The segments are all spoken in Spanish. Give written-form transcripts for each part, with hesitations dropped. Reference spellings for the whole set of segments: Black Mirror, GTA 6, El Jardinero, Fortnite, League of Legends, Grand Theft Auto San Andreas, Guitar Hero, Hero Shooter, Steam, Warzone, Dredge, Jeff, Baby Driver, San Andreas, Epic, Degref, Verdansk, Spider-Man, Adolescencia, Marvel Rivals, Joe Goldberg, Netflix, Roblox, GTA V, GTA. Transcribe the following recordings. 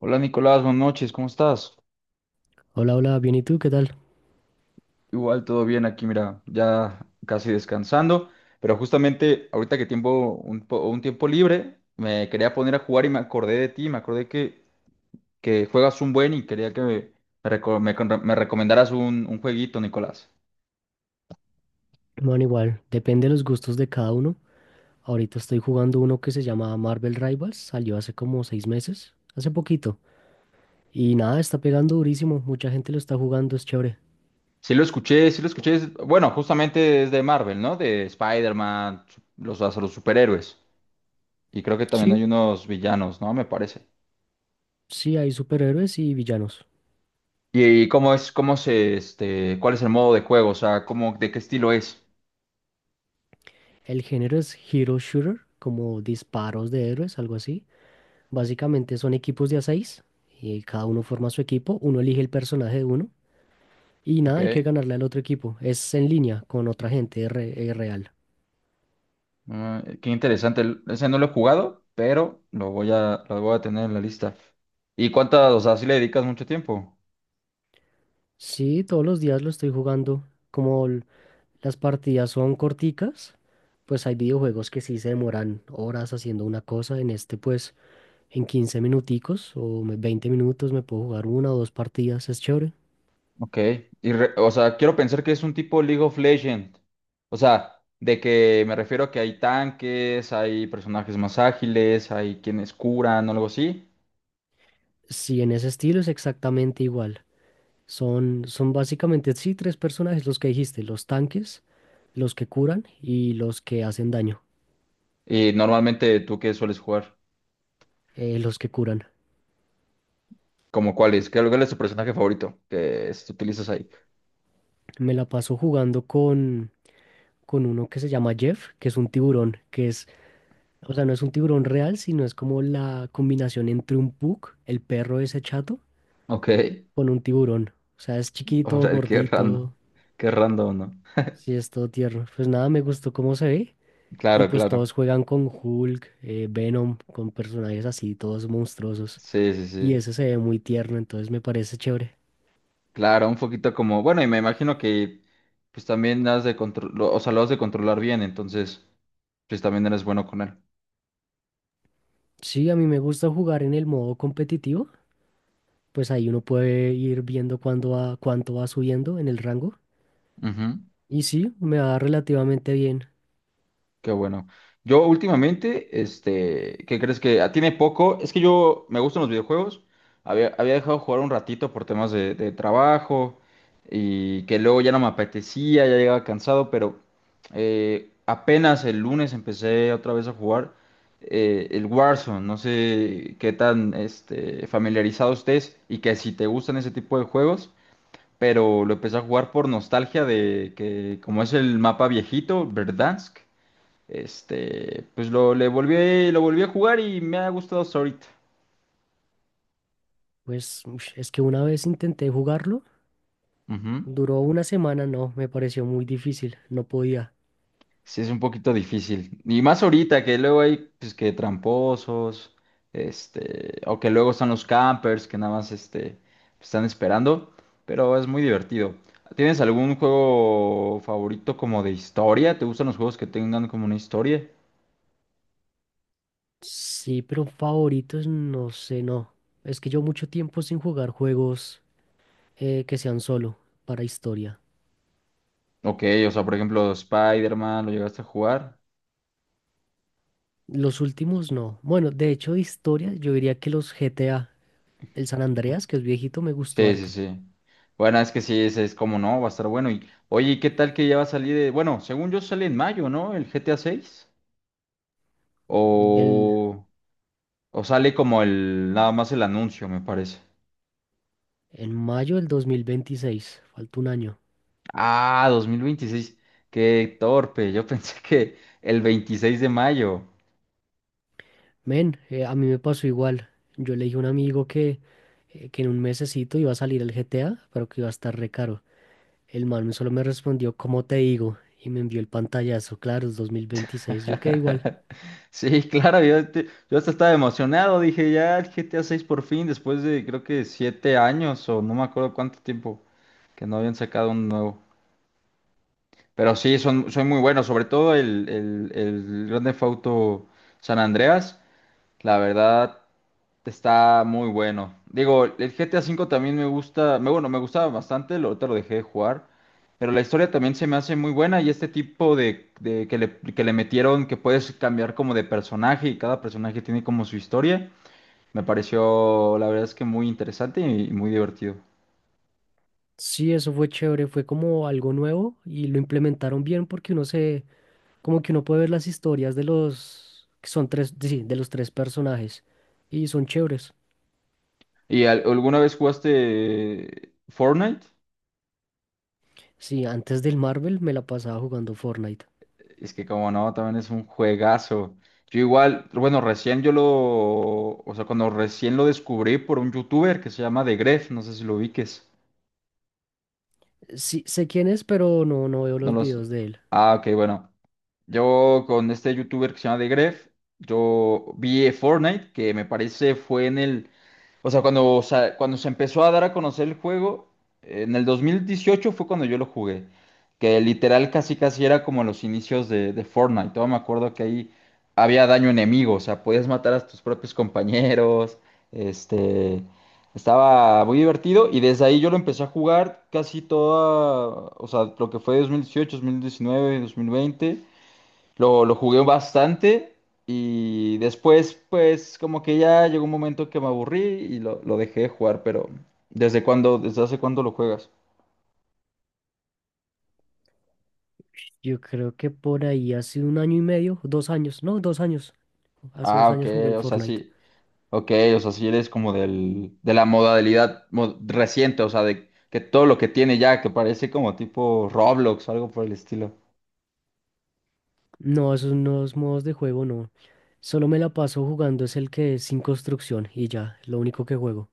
Hola Nicolás, buenas noches, ¿cómo estás? Hola, hola, bien, ¿y tú qué tal? Igual todo bien aquí, mira, ya casi descansando, pero justamente ahorita que tiempo, un tiempo libre, me quería poner a jugar y me acordé de ti, que juegas un buen y quería que me recomendaras un jueguito, Nicolás. Bueno, igual, depende de los gustos de cada uno. Ahorita estoy jugando uno que se llama Marvel Rivals, salió hace como 6 meses, hace poquito. Y nada, está pegando durísimo, mucha gente lo está jugando, es chévere. Sí lo escuché, bueno, justamente es de Marvel, ¿no? De Spider-Man, los superhéroes, y creo que también Sí, hay unos villanos, ¿no? Me parece. sí, hay superhéroes y villanos. ¿Y cómo es, ¿cuál es el modo de juego? O sea, cómo, de qué estilo es. El género es Hero Shooter, como disparos de héroes, algo así. Básicamente son equipos de a seis y cada uno forma su equipo, uno elige el personaje de uno y Ok. nada, hay que ganarle al otro equipo. Es en línea con otra gente real. Ah, qué interesante. Ese no lo he jugado, pero lo voy a tener en la lista. ¿Y cuántas, o sea, si le dedicas mucho tiempo? Sí, todos los días lo estoy jugando. Como las partidas son corticas, pues hay videojuegos que sí se demoran horas haciendo una cosa. En este, pues, en 15 minuticos o 20 minutos me puedo jugar una o dos partidas, es chévere. Ok. O sea, quiero pensar que es un tipo League of Legends. O sea, de que me refiero a que hay tanques, hay personajes más ágiles, hay quienes curan o algo así. Sí, en ese estilo es exactamente igual. Son básicamente, sí, tres personajes los que dijiste, los tanques, los que curan y los que hacen daño, Y normalmente, ¿tú qué sueles jugar? Los que curan. ¿Como cuál es? ¿Qué, cuál es tu personaje favorito que utilizas ahí? Me la paso jugando con uno que se llama Jeff, que es un tiburón, que es o sea, no es un tiburón real, sino es como la combinación entre un pug, el perro ese chato, Ok, con un tiburón. O sea, es chiquito, ahora gordito, qué random, ¿no? sí, es todo tierno. Pues nada, me gustó cómo se ve. Y Claro, pues todos claro, juegan con Hulk, Venom, con personajes así, todos monstruosos. sí, sí, Y sí, ese se ve muy tierno, entonces me parece chévere. claro, un poquito como, bueno, y me imagino que pues también has de controlar, o sea, lo has de controlar bien, entonces pues también eres bueno con él. Sí, a mí me gusta jugar en el modo competitivo. Pues ahí uno puede ir viendo cuándo va, cuánto va subiendo en el rango. Ujú. Y sí, me va relativamente bien. Qué bueno. Yo últimamente, este, ¿qué crees que ah, tiene poco? Es que yo me gustan los videojuegos. Había dejado de jugar un ratito por temas de trabajo y que luego ya no me apetecía, ya llegaba cansado, pero apenas el lunes empecé otra vez a jugar el Warzone. No sé qué tan este, familiarizado estés y que si te gustan ese tipo de juegos, pero lo empecé a jugar por nostalgia de que como es el mapa viejito, Verdansk. Este, le volví, lo volví a jugar y me ha gustado hasta ahorita. Pues ush, es que una vez intenté jugarlo, Ujú. duró una semana, no, me pareció muy difícil, no podía. Sí, es un poquito difícil. Y más ahorita, que luego hay, pues, que tramposos, este, o que luego están los campers que nada más, este, están esperando, pero es muy divertido. ¿Tienes algún juego favorito como de historia? ¿Te gustan los juegos que tengan como una historia? Sí, pero favoritos, no sé, no. Es que yo mucho tiempo sin jugar juegos que sean solo para historia. Ok, o sea, por ejemplo, Spider-Man, ¿lo llegaste a jugar? Los últimos no. Bueno, de hecho de historia yo diría que los GTA, el San Andreas, que es viejito, me gustó Sí, sí, harto. sí. Bueno, es que sí, es como no, va a estar bueno. Y, oye, ¿y qué tal que ya va a salir? Bueno, según yo sale en mayo, ¿no? El GTA 6. Del, O, o sale como el, nada más el anuncio, me parece. en mayo del 2026, falta un año. Ah, 2026. Qué torpe. Yo pensé que el 26 de mayo. Men, a mí me pasó igual. Yo le dije a un amigo que en un mesecito iba a salir el GTA, pero que iba a estar re caro. El man solo me respondió, ¿cómo te digo? Y me envió el pantallazo, claro, es 2026. Yo quedé igual. Sí, claro, yo hasta estaba emocionado. Dije, ya el GTA 6 por fin, después de creo que siete años o no me acuerdo cuánto tiempo que no habían sacado un nuevo. Pero sí, son muy buenos, sobre todo el Grand Theft Auto San Andreas, la verdad está muy bueno. Digo, el GTA V también me gusta, me, bueno, me gustaba bastante, ahorita lo dejé de jugar, pero la historia también se me hace muy buena y este tipo de que que le metieron que puedes cambiar como de personaje y cada personaje tiene como su historia, me pareció la verdad es que muy interesante y, muy divertido. Sí, eso fue chévere, fue como algo nuevo y lo implementaron bien porque como que uno puede ver las historias de los, que son tres, sí, de los tres personajes y son chéveres. ¿ Alguna vez jugaste Fortnite? Sí, antes del Marvel me la pasaba jugando Fortnite. Es que como no, también es un juegazo. Yo igual, bueno, o sea, cuando recién lo descubrí por un youtuber que se llama Degref, no sé si lo ubiques. Sí, sé quién es, pero no, no veo No los los... videos de él. Ah, ok, bueno. Yo con este youtuber que se llama Degref, yo vi Fortnite, que me parece fue en el O sea, cuando, o cuando se empezó a dar a conocer el juego, en el 2018 fue cuando yo lo jugué, que literal casi casi era como los inicios de Fortnite. Todavía me acuerdo que ahí había daño enemigo, o sea, podías matar a tus propios compañeros, este, estaba muy divertido y desde ahí yo lo empecé a jugar casi toda, o sea, lo que fue 2018, 2019, 2020. Lo jugué bastante y después pues como que ya llegó un momento que me aburrí y lo dejé de jugar, pero ¿desde cuándo, desde hace cuándo lo juegas? Yo creo que por ahí hace un año y medio, 2 años, no, 2 años, hace Ah, dos ok, años jugué el o sea, Fortnite. sí, ok, o sea, sí eres como de la modalidad reciente, o sea, de que todo lo que tiene ya, que parece como tipo Roblox o algo por el estilo. No, esos nuevos modos de juego no. Solo me la paso jugando es el que es sin construcción y ya, lo único que juego.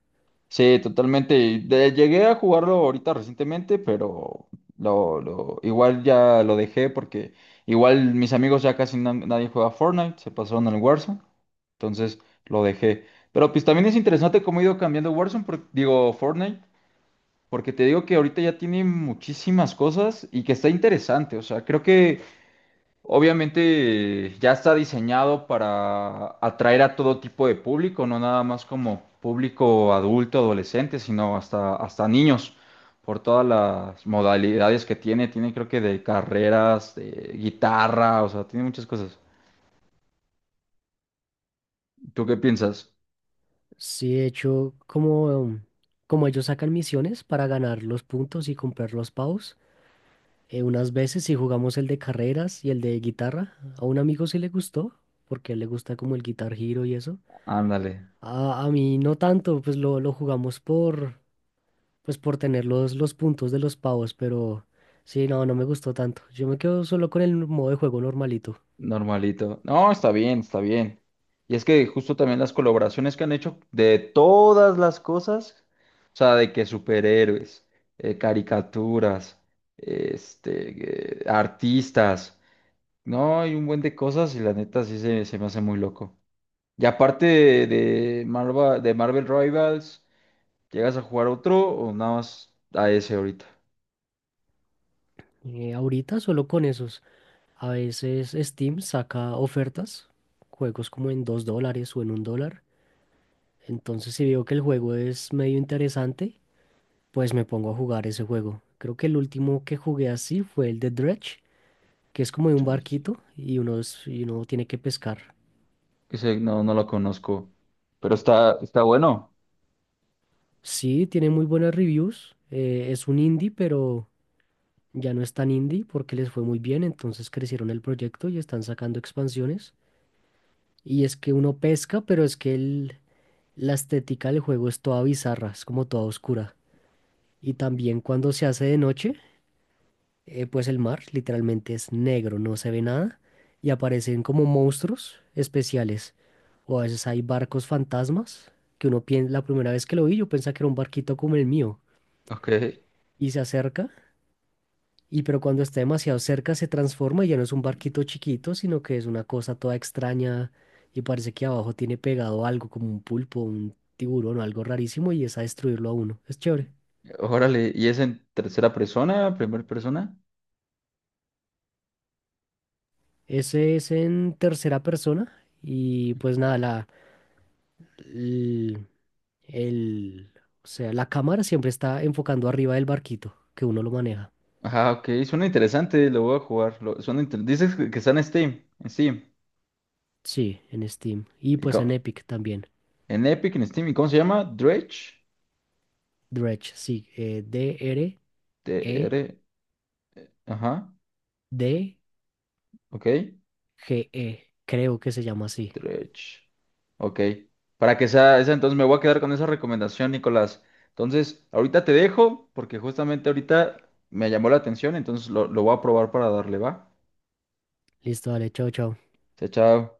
Sí, totalmente. Llegué a jugarlo ahorita recientemente, pero igual ya lo dejé porque igual mis amigos ya nadie juega Fortnite, se pasaron al Warzone, entonces lo dejé. Pero pues también es interesante cómo ha ido cambiando Warzone, digo Fortnite, porque te digo que ahorita ya tiene muchísimas cosas y que está interesante. O sea, creo que obviamente ya está diseñado para atraer a todo tipo de público, no nada más como público adulto, adolescente, sino hasta, hasta niños, por todas las modalidades que tiene. Tiene creo que de carreras, de guitarra, o sea, tiene muchas cosas. ¿Tú qué piensas? Sí, de hecho, como ellos sacan misiones para ganar los puntos y comprar los pavos, unas veces sí jugamos el de carreras y el de guitarra. A un amigo sí le gustó, porque a él le gusta como el Guitar Hero y eso. Ándale. A mí no tanto, pues lo jugamos por tener los puntos de los pavos, pero sí, no, no me gustó tanto. Yo me quedo solo con el modo de juego normalito. Normalito. No, está bien, está bien. Y es que justo también las colaboraciones que han hecho de todas las cosas, o sea, de que superhéroes, caricaturas, artistas, no, hay un buen de cosas y la neta sí se me hace muy loco. Y aparte de Marvel Rivals, ¿llegas a jugar otro o nada más a ese ahorita? Ahorita solo con esos. A veces Steam saca ofertas, juegos como en $2 o en $1. Entonces si veo que el juego es medio interesante, pues me pongo a jugar ese juego. Creo que el último que jugué así fue el de Dredge, que es como de un Twitch. barquito y uno, y uno tiene que pescar. Ese no, no lo conozco, pero está, está bueno. Sí, tiene muy buenas reviews. Es un indie, pero... Ya no es tan indie porque les fue muy bien, entonces crecieron el proyecto y están sacando expansiones. Y es que uno pesca, pero es que la estética del juego es toda bizarra, es como toda oscura. Y también cuando se hace de noche, pues el mar literalmente es negro, no se ve nada. Y aparecen como monstruos especiales. O a veces hay barcos fantasmas, que uno piensa, la primera vez que lo vi yo pensaba que era un barquito como el mío. Ok. Y se acerca. Y pero cuando está demasiado cerca se transforma y ya no es un barquito chiquito, sino que es una cosa toda extraña y parece que abajo tiene pegado algo como un pulpo, un tiburón o algo rarísimo y es a destruirlo a uno. Es chévere. Órale, ¿y es en tercera persona, primera persona? Ese es en tercera persona y pues nada, el, el- o sea, la cámara siempre está enfocando arriba del barquito que uno lo maneja. Ajá, ok, suena interesante, lo voy a jugar. Dices que está en Steam, en Steam. Sí, en Steam y ¿Y pues en co- Epic también. en Epic, en Steam, ¿y cómo se llama? Dredge. Dredge, sí, d r e T-R. Ajá, d ok. GE, creo que se llama así. Dredge. Ok. Para que sea esa, entonces me voy a quedar con esa recomendación, Nicolás. Entonces, ahorita te dejo, porque justamente ahorita me llamó la atención, entonces lo voy a probar para darle, ¿va? Listo, dale, chao, chao. Chao, chao.